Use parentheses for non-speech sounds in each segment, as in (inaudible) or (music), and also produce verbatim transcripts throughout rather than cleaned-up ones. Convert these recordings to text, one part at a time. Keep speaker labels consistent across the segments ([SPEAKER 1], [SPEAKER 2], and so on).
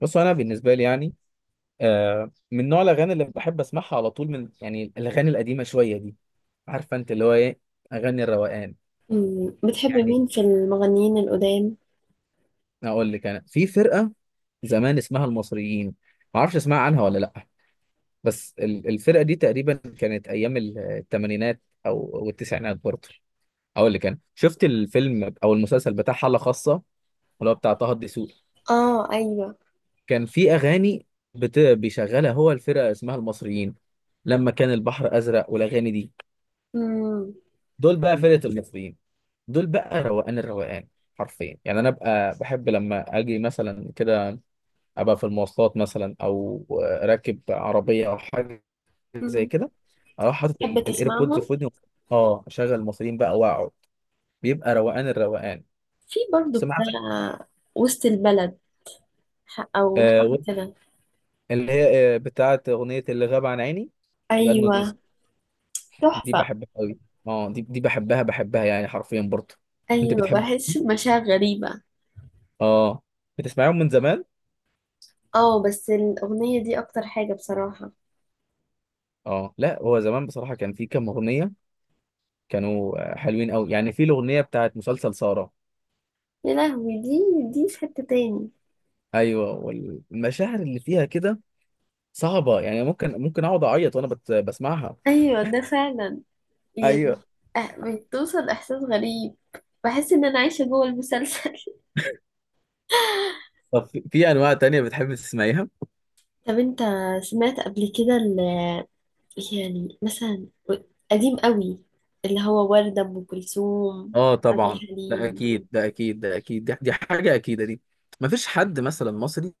[SPEAKER 1] بص، انا بالنسبه لي يعني آه من نوع الاغاني اللي بحب اسمعها على طول. من يعني الاغاني القديمه شويه دي. عارفه انت اللي هو ايه؟ اغاني الروقان.
[SPEAKER 2] مم. بتحب
[SPEAKER 1] يعني
[SPEAKER 2] مين في المغنيين القدام؟
[SPEAKER 1] اقول لك انا في فرقه زمان اسمها المصريين، ما اعرفش اسمع عنها ولا لا. بس ال- الفرقه دي تقريبا كانت ايام ال- الثمانينات او أو التسعينات برضه. اقول لك انا شفت الفيلم او المسلسل بتاع حاله خاصه، اللي هو بتاع طه الدسوقي.
[SPEAKER 2] اه، ايوه.
[SPEAKER 1] كان في اغاني بت... بيشغلها هو، الفرقه اسمها المصريين. لما كان البحر ازرق والاغاني دي،
[SPEAKER 2] امم،
[SPEAKER 1] دول بقى فرقة المصريين، دول بقى روقان الروقان. حرفيا يعني انا ابقى بحب لما اجي مثلا كده، ابقى في المواصلات مثلا او راكب عربية او حاجة زي
[SPEAKER 2] امم.
[SPEAKER 1] كده، اروح حاطط
[SPEAKER 2] تحب
[SPEAKER 1] الايربودز
[SPEAKER 2] تسمعهم؟
[SPEAKER 1] في ودني. اه، اشغل المصريين بقى واقعد، بيبقى روقان الروقان.
[SPEAKER 2] في برضو
[SPEAKER 1] سمعت.
[SPEAKER 2] بتاع وسط البلد، ح- او
[SPEAKER 1] آه،
[SPEAKER 2] حاجه
[SPEAKER 1] و-
[SPEAKER 2] كده.
[SPEAKER 1] اللي هي آه، بتاعت اغنية اللي غاب عن عيني، غنوا
[SPEAKER 2] ايوه،
[SPEAKER 1] دي. دي
[SPEAKER 2] تحفه.
[SPEAKER 1] بحبها قوي. اه، دي دي بحبها، بحبها يعني حرفيا برضه. انت
[SPEAKER 2] ايوه،
[SPEAKER 1] بتحب.
[SPEAKER 2] بحس بمشاعر غريبه.
[SPEAKER 1] اه. بتسمعيهم من زمان؟
[SPEAKER 2] اه، بس الاغنيه دي اكتر حاجه بصراحه.
[SPEAKER 1] اه لا، هو زمان بصراحة كان في كام أغنية كانوا آه، حلوين قوي، يعني في الأغنية بتاعت مسلسل سارة.
[SPEAKER 2] يا لهوي، دي دي في حته تاني.
[SPEAKER 1] أيوة، والمشاعر اللي فيها كده صعبة، يعني ممكن ممكن أقعد أعيط وأنا بت... بسمعها.
[SPEAKER 2] ايوه ده فعلا يعني.
[SPEAKER 1] أيوه.
[SPEAKER 2] أه- بتوصل احساس غريب. بحس ان انا عايشه جوه المسلسل.
[SPEAKER 1] طب في في أنواع تانية بتحب تسمعيها؟
[SPEAKER 2] (laughs) طب انت سمعت قبل كده؟ يعني مثلا قديم قوي، اللي هو وردة، أم كلثوم،
[SPEAKER 1] اه
[SPEAKER 2] عبد
[SPEAKER 1] طبعا، ده
[SPEAKER 2] الحليم.
[SPEAKER 1] أكيد ده أكيد ده أكيد، دي, دي حاجة أكيدة دي. مفيش حد مثلا مصري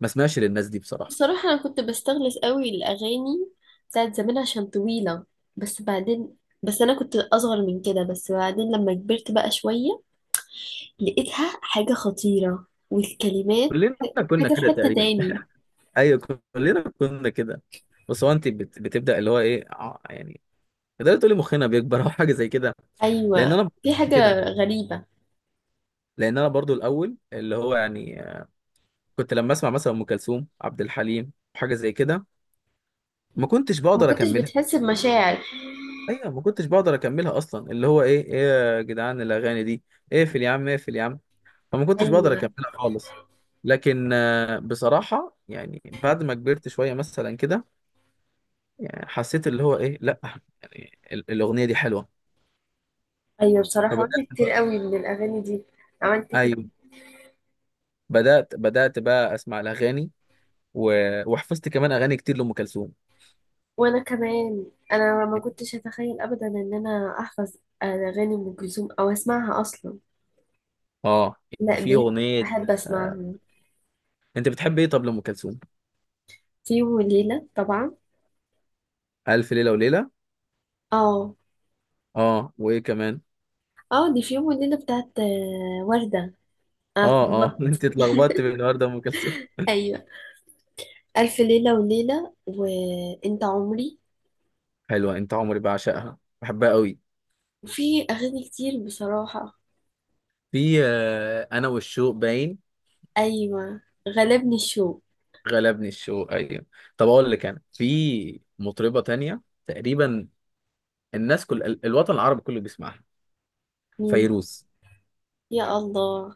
[SPEAKER 1] ما سمعش للناس دي بصراحة.
[SPEAKER 2] بصراحة أنا كنت بستغلس قوي الأغاني بتاعت زمان عشان طويلة، بس بعدين، بس أنا كنت أصغر من كده، بس بعدين لما كبرت بقى شوية لقيتها حاجة خطيرة، والكلمات
[SPEAKER 1] كلنا كنا
[SPEAKER 2] حاجة في
[SPEAKER 1] كده
[SPEAKER 2] حتة
[SPEAKER 1] تقريبا.
[SPEAKER 2] تاني.
[SPEAKER 1] (laughs) أيوة، كلنا كنا كده. بس هو أنت بت... بتبدأ اللي هو إيه، ع- يعني تقدري تقولي مخنا بيكبر أو حاجة زي كده. لان
[SPEAKER 2] أيوة،
[SPEAKER 1] انا
[SPEAKER 2] في
[SPEAKER 1] كده،
[SPEAKER 2] حاجة غريبة.
[SPEAKER 1] لان انا برضو الاول اللي هو يعني كنت لما اسمع مثلا ام كلثوم، عبد الحليم، حاجه زي كده، ما كنتش
[SPEAKER 2] ما
[SPEAKER 1] بقدر
[SPEAKER 2] كنتش
[SPEAKER 1] اكملها.
[SPEAKER 2] بتحس بمشاعر.
[SPEAKER 1] ايوه، ما كنتش بقدر اكملها اصلا، اللي هو ايه، ايه يا جدعان الاغاني دي؟ اقفل يا عم، اقفل يا عم. فما كنتش بقدر
[SPEAKER 2] أيوة،
[SPEAKER 1] اكملها خالص. لكن آه، بصراحه يعني بعد ما كبرت شويه مثلا كده، يعني حسيت اللي هو ايه. لا، يعني ال- الاغنيه دي حلوه.
[SPEAKER 2] أيوة، بصراحة عملت
[SPEAKER 1] فبدات.
[SPEAKER 2] كتير قوي من الأغاني دي. عملت.
[SPEAKER 1] ايوه، بدات بدات بقى اسمع الاغاني، و... وحفظت كمان اغاني كتير لام كلثوم.
[SPEAKER 2] وانا كمان انا ما كنتش اتخيل ابدا ان انا احفظ اغاني ام كلثوم او اسمعها اصلا.
[SPEAKER 1] اه،
[SPEAKER 2] لا،
[SPEAKER 1] في
[SPEAKER 2] بيت
[SPEAKER 1] اغنيه.
[SPEAKER 2] احب
[SPEAKER 1] آه.
[SPEAKER 2] اسمعها.
[SPEAKER 1] انت بتحب ايه طب لام كلثوم؟
[SPEAKER 2] في يوم وليله طبعا.
[SPEAKER 1] الف ليله وليله.
[SPEAKER 2] اه،
[SPEAKER 1] اه، وايه كمان؟
[SPEAKER 2] اه، دي في يوم وليله بتاعت آه، ورده. اه
[SPEAKER 1] اه اه. (laughs)
[SPEAKER 2] طبعا.
[SPEAKER 1] انت اتلخبطت بين النهارده ام كلثوم.
[SPEAKER 2] ايوه، الف ليله وليله، وانت عمري.
[SPEAKER 1] حلوه، انت عمري بعشقها بحبها قوي.
[SPEAKER 2] وفي اغاني كتير بصراحه.
[SPEAKER 1] في آه. انا والشوق باين.
[SPEAKER 2] ايوه، غلبني الشوق.
[SPEAKER 1] غلبني الشوق، ايوه. طب اقول لك انا في مطربه تانية تقريبا الناس كل ال- الوطن العربي كله بيسمعها:
[SPEAKER 2] مين؟
[SPEAKER 1] فيروز.
[SPEAKER 2] يا الله،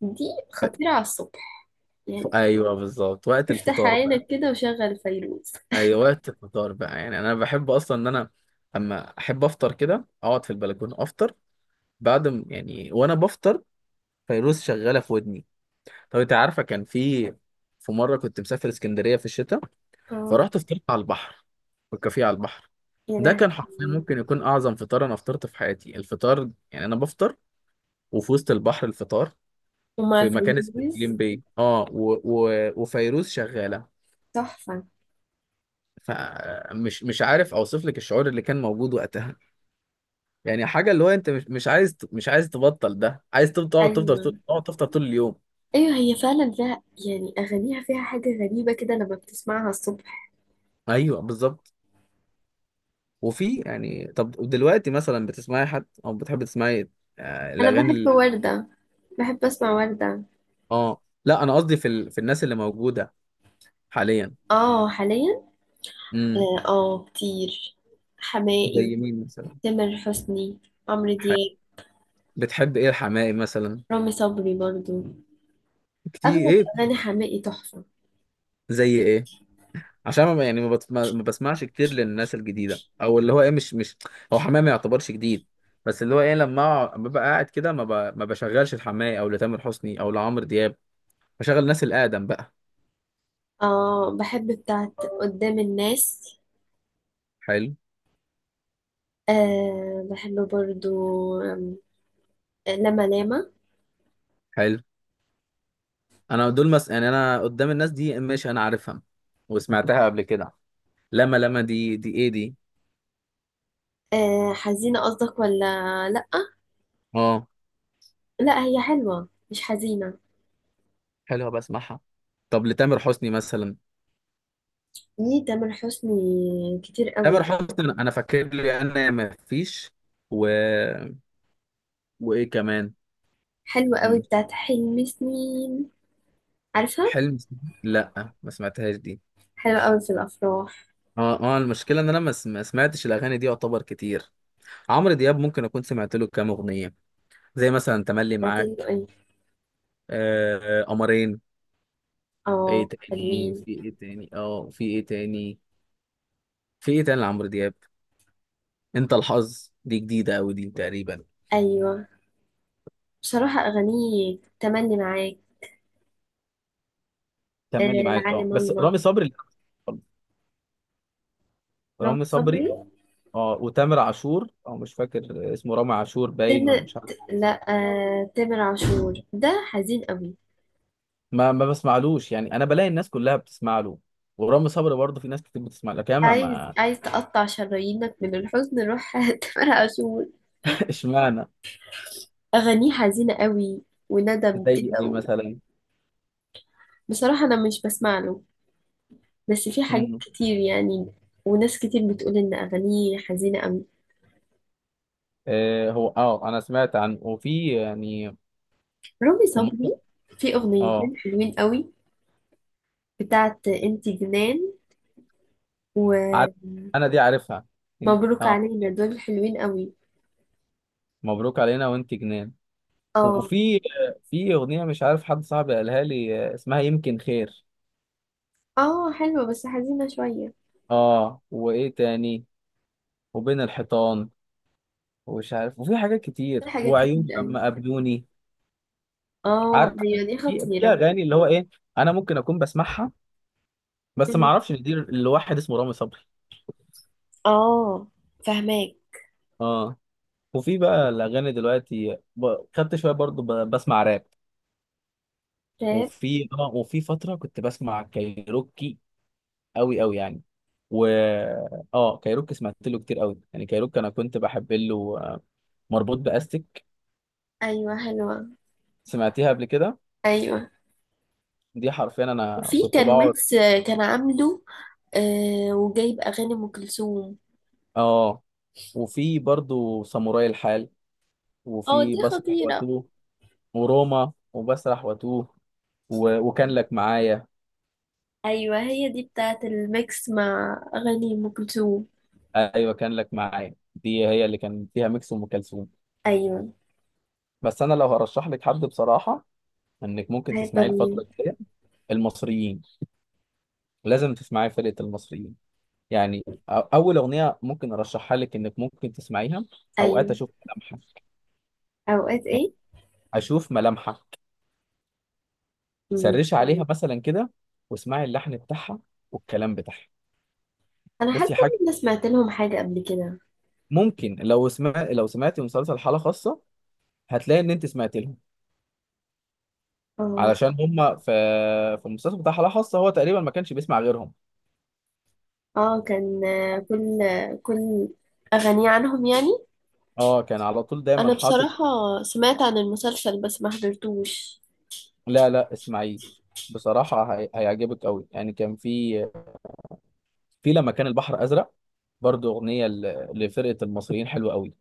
[SPEAKER 2] دي
[SPEAKER 1] ف...
[SPEAKER 2] خطيره على الصبح
[SPEAKER 1] ف...
[SPEAKER 2] يعني.
[SPEAKER 1] ايوه بالظبط وقت
[SPEAKER 2] افتح
[SPEAKER 1] الفطار بقى.
[SPEAKER 2] عينك كده وشغل فيروز.
[SPEAKER 1] ايوه وقت الفطار بقى يعني انا بحب اصلا ان انا اما احب افطر كده، اقعد في البلكونه افطر. بعد م- يعني وانا بفطر فيروز شغاله في ودني. طب انت عارفه، كان في في مره كنت مسافر اسكندريه في الشتاء،
[SPEAKER 2] اه.
[SPEAKER 1] فرحت فطرت على البحر، في الكافيه على البحر.
[SPEAKER 2] يا
[SPEAKER 1] ده كان حرفيا
[SPEAKER 2] لهوي.
[SPEAKER 1] ممكن يكون اعظم فطار انا فطرت في حياتي. الفطار يعني انا بفطر وفي وسط البحر الفطار،
[SPEAKER 2] ومع
[SPEAKER 1] في مكان اسمه
[SPEAKER 2] فيروز.
[SPEAKER 1] كليم باي. اه، و... و... وفيروز شغاله.
[SPEAKER 2] تحفة.
[SPEAKER 1] فمش مش عارف اوصف لك الشعور اللي كان موجود وقتها. يعني حاجه، اللي هو انت مش مش عايز مش عايز تبطل ده، عايز تب- تقعد تفضل
[SPEAKER 2] أيوة،
[SPEAKER 1] تقعد تفضل طول اليوم.
[SPEAKER 2] أيوة، هي فعلا فيها يعني أغانيها فيها حاجة غريبة كده لما بتسمعها الصبح.
[SPEAKER 1] ايوه بالظبط. وفي يعني، طب دلوقتي مثلا بتسمعي حد او بتحبي تسمعي آه،
[SPEAKER 2] أنا
[SPEAKER 1] الاغاني
[SPEAKER 2] بحب
[SPEAKER 1] ال...
[SPEAKER 2] وردة، بحب أسمع وردة.
[SPEAKER 1] اه لا، انا قصدي في ال... في الناس اللي موجوده حاليا.
[SPEAKER 2] آه حاليا.
[SPEAKER 1] امم.
[SPEAKER 2] آه، آه، كتير. حماقي،
[SPEAKER 1] زي مين مثلا؟
[SPEAKER 2] تامر حسني، عمرو
[SPEAKER 1] ح...
[SPEAKER 2] دياب،
[SPEAKER 1] بتحب ايه الحماقي مثلا؟
[SPEAKER 2] رامي صبري برضو.
[SPEAKER 1] كتير
[SPEAKER 2] أغلب
[SPEAKER 1] ايه؟
[SPEAKER 2] أغاني حماقي تحفة.
[SPEAKER 1] زي ايه؟ عشان ما يعني ما, بت... ما ما بسمعش كتير للناس الجديده او اللي هو ايه، مش مش هو حماقي ما يعتبرش جديد. بس اللي هو ايه لما أقع- ببقى قاعد كده ما, ب... ما بشغلش الحماقي او لتامر حسني او لعمرو دياب، بشغل الناس الاقدم بقى.
[SPEAKER 2] آه بحب بتاعت قدام الناس.
[SPEAKER 1] حلو
[SPEAKER 2] آه بحب برضو. آم، لما لاما.
[SPEAKER 1] حلو. انا دول مس... يعني انا قدام الناس دي ماشي، انا عارفها وسمعتها قبل كده. لما لما دي دي ايه دي؟
[SPEAKER 2] آه، حزينة قصدك ولا لأ؟
[SPEAKER 1] اه
[SPEAKER 2] لا، هي حلوة مش حزينة.
[SPEAKER 1] حلوه، بسمعها. طب لتامر حسني مثلا؟
[SPEAKER 2] دي تامر حسني كتير
[SPEAKER 1] تامر
[SPEAKER 2] قوي.
[SPEAKER 1] حسني انا فاكر لي انا ما فيش. و... وايه كمان؟
[SPEAKER 2] حلوة قوي
[SPEAKER 1] م-
[SPEAKER 2] بتاعت حلم سنين. عارفها.
[SPEAKER 1] حلم؟ لا، ما سمعتهاش دي.
[SPEAKER 2] حلوة قوي في الأفراح.
[SPEAKER 1] اه اه، المشكله ان انا ما س- ما سمعتش الاغاني دي يعتبر كتير. عمرو دياب ممكن اكون سمعت له كام اغنيه زي مثلا تملي
[SPEAKER 2] بتاعت ال-
[SPEAKER 1] معاك،
[SPEAKER 2] ايه.
[SPEAKER 1] آه آه، قمرين. ايه
[SPEAKER 2] اه،
[SPEAKER 1] تاني؟
[SPEAKER 2] حلوين.
[SPEAKER 1] في ايه تاني اه في ايه تاني في ايه تاني لعمرو دياب؟ انت الحظ دي جديده قوي دي تقريبا.
[SPEAKER 2] أيوة، بصراحة أغانيه تملي معاك. آه،
[SPEAKER 1] تملي معاك، اه.
[SPEAKER 2] العالم
[SPEAKER 1] بس
[SPEAKER 2] الله.
[SPEAKER 1] رامي صبري. لا.
[SPEAKER 2] رام
[SPEAKER 1] رامي
[SPEAKER 2] صبري.
[SPEAKER 1] صبري، اه. وتامر عاشور. اه، مش فاكر اسمه رامي عاشور باين
[SPEAKER 2] تامر.
[SPEAKER 1] ولا مش عارف.
[SPEAKER 2] ت- لا، آه تامر عاشور ده حزين قوي.
[SPEAKER 1] ما ما بسمعلوش، يعني انا بلاقي الناس كلها بتسمع له، ورامي صبري برضه في ناس كتير بتسمع له كمان
[SPEAKER 2] عايز
[SPEAKER 1] ما.
[SPEAKER 2] عايز تقطع شرايينك من الحزن، روح (laughs) تامر عاشور.
[SPEAKER 1] (laughs) اشمعنى؟
[SPEAKER 2] أغانيه حزينة قوي، وندم
[SPEAKER 1] زي
[SPEAKER 2] كده
[SPEAKER 1] ايه
[SPEAKER 2] و.
[SPEAKER 1] مثلا؟
[SPEAKER 2] بصراحة أنا مش بسمع له، بس في حاجات
[SPEAKER 1] مم.
[SPEAKER 2] كتير يعني. وناس كتير بتقول ان اغانيه حزينه قوي.
[SPEAKER 1] آه، هو، اه، انا سمعت عنه وفي يعني
[SPEAKER 2] رامي
[SPEAKER 1] في
[SPEAKER 2] صبري.
[SPEAKER 1] مره.
[SPEAKER 2] في
[SPEAKER 1] اه،
[SPEAKER 2] اغنيتين حلوين قوي، بتاعت انت جنان،
[SPEAKER 1] عارف، انا دي عارفها.
[SPEAKER 2] ومبروك
[SPEAKER 1] اه،
[SPEAKER 2] علينا، دول حلوين قوي.
[SPEAKER 1] مبروك علينا وانت جنان.
[SPEAKER 2] اه،
[SPEAKER 1] وفي في اغنيه مش عارف، حد صاحبي قالها لي آه، اسمها يمكن خير.
[SPEAKER 2] اه، حلوه بس حزينه شويه.
[SPEAKER 1] اه، وايه تاني؟ وبين الحيطان، ومش عارف، وفي حاجات
[SPEAKER 2] في
[SPEAKER 1] كتير،
[SPEAKER 2] حاجات كتير
[SPEAKER 1] وعيون
[SPEAKER 2] قوي.
[SPEAKER 1] لما قابلوني.
[SPEAKER 2] اه،
[SPEAKER 1] عارف،
[SPEAKER 2] هي دي
[SPEAKER 1] في في
[SPEAKER 2] خطيره.
[SPEAKER 1] اغاني اللي هو ايه انا ممكن اكون بسمعها بس ما
[SPEAKER 2] مم.
[SPEAKER 1] اعرفش ان دي لواحد اسمه رامي صبري.
[SPEAKER 2] اه. فهماك.
[SPEAKER 1] اه. وفي بقى الاغاني دلوقتي ب... خدت شويه برضو ب... بسمع راب.
[SPEAKER 2] راب.
[SPEAKER 1] وفي، اه، وفي فتره كنت بسمع كايروكي قوي قوي يعني. و، اه، كايروكي سمعت له كتير قوي يعني. كايروكي انا كنت بحب له آه، مربوط باستك.
[SPEAKER 2] ايوه، حلوه.
[SPEAKER 1] سمعتيها قبل كده؟
[SPEAKER 2] ايوه.
[SPEAKER 1] دي حرفيا انا
[SPEAKER 2] وفي
[SPEAKER 1] كنت
[SPEAKER 2] كان
[SPEAKER 1] بقعد.
[SPEAKER 2] ميكس، كان عامله آه وجايب اغاني ام كلثوم.
[SPEAKER 1] اه، وفي برضو ساموراي الحال،
[SPEAKER 2] اه
[SPEAKER 1] وفي
[SPEAKER 2] دي
[SPEAKER 1] بسرح
[SPEAKER 2] خطيره.
[SPEAKER 1] واتوه، وروما، وبسرح واتوه، و... وكان لك معايا.
[SPEAKER 2] ايوه هي دي بتاعة الميكس مع اغاني ام كلثوم.
[SPEAKER 1] ايوه، كان لك معايا دي هي اللي كان فيها ميكس ام كلثوم.
[SPEAKER 2] ايوه.
[SPEAKER 1] بس انا لو هرشح لك حد بصراحه انك ممكن
[SPEAKER 2] هيبقى
[SPEAKER 1] تسمعيه الفتره
[SPEAKER 2] مين؟
[SPEAKER 1] الجايه: المصريين. لازم تسمعي فرقه المصريين. يعني أ- اول اغنيه ممكن ارشحها لك انك ممكن تسمعيها: اوقات
[SPEAKER 2] ايوه.
[SPEAKER 1] اشوف ملامحك.
[SPEAKER 2] اوقات ايه؟
[SPEAKER 1] اشوف ملامحك.
[SPEAKER 2] مم.
[SPEAKER 1] سرشي عليها مثلا كده، واسمعي اللحن بتاعها والكلام بتاعها.
[SPEAKER 2] انا حاسه
[SPEAKER 1] بصي حاجه،
[SPEAKER 2] ان انا سمعت لهم حاجه قبل كده.
[SPEAKER 1] ممكن لو سمع لو سمعتي مسلسل حاله خاصه هتلاقي ان انت سمعت لهم.
[SPEAKER 2] اه.
[SPEAKER 1] علشان هم في في المسلسل بتاع حاله خاصه هو تقريبا ما كانش بيسمع غيرهم.
[SPEAKER 2] اه كان آه، كل آه، كل اغاني عنهم يعني.
[SPEAKER 1] اه، كان على طول
[SPEAKER 2] انا
[SPEAKER 1] دايما حاطط.
[SPEAKER 2] بصراحه سمعت عن المسلسل بس ما حضرتوش.
[SPEAKER 1] لا لا، اسمعيه، بصراحه هي... هيعجبك قوي. يعني كان في في لما كان البحر ازرق برضو، اغنيه ل- لفرقه المصريين حلوه قوي.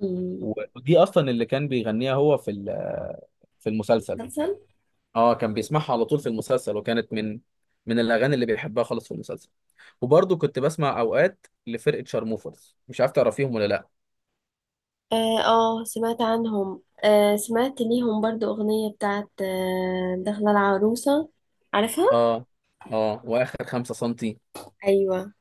[SPEAKER 2] مم.
[SPEAKER 1] ودي اصلا اللي كان بيغنيها هو في ال- في المسلسل.
[SPEAKER 2] مسلسل.
[SPEAKER 1] اه، كان بيسمعها على طول في المسلسل، وكانت من من الاغاني اللي بيحبها خالص في المسلسل. وبرضو كنت بسمع اوقات لفرقه شارموفرز، مش عارف تعرفيهم ولا لا.
[SPEAKER 2] اه. آه، سمعت عنهم، آه سمعت ليهم برضو اغنيه بتاعة آه دخلة العروسه. عارفها.
[SPEAKER 1] اه اه. واخر خمسة سنتي.
[SPEAKER 2] ايوه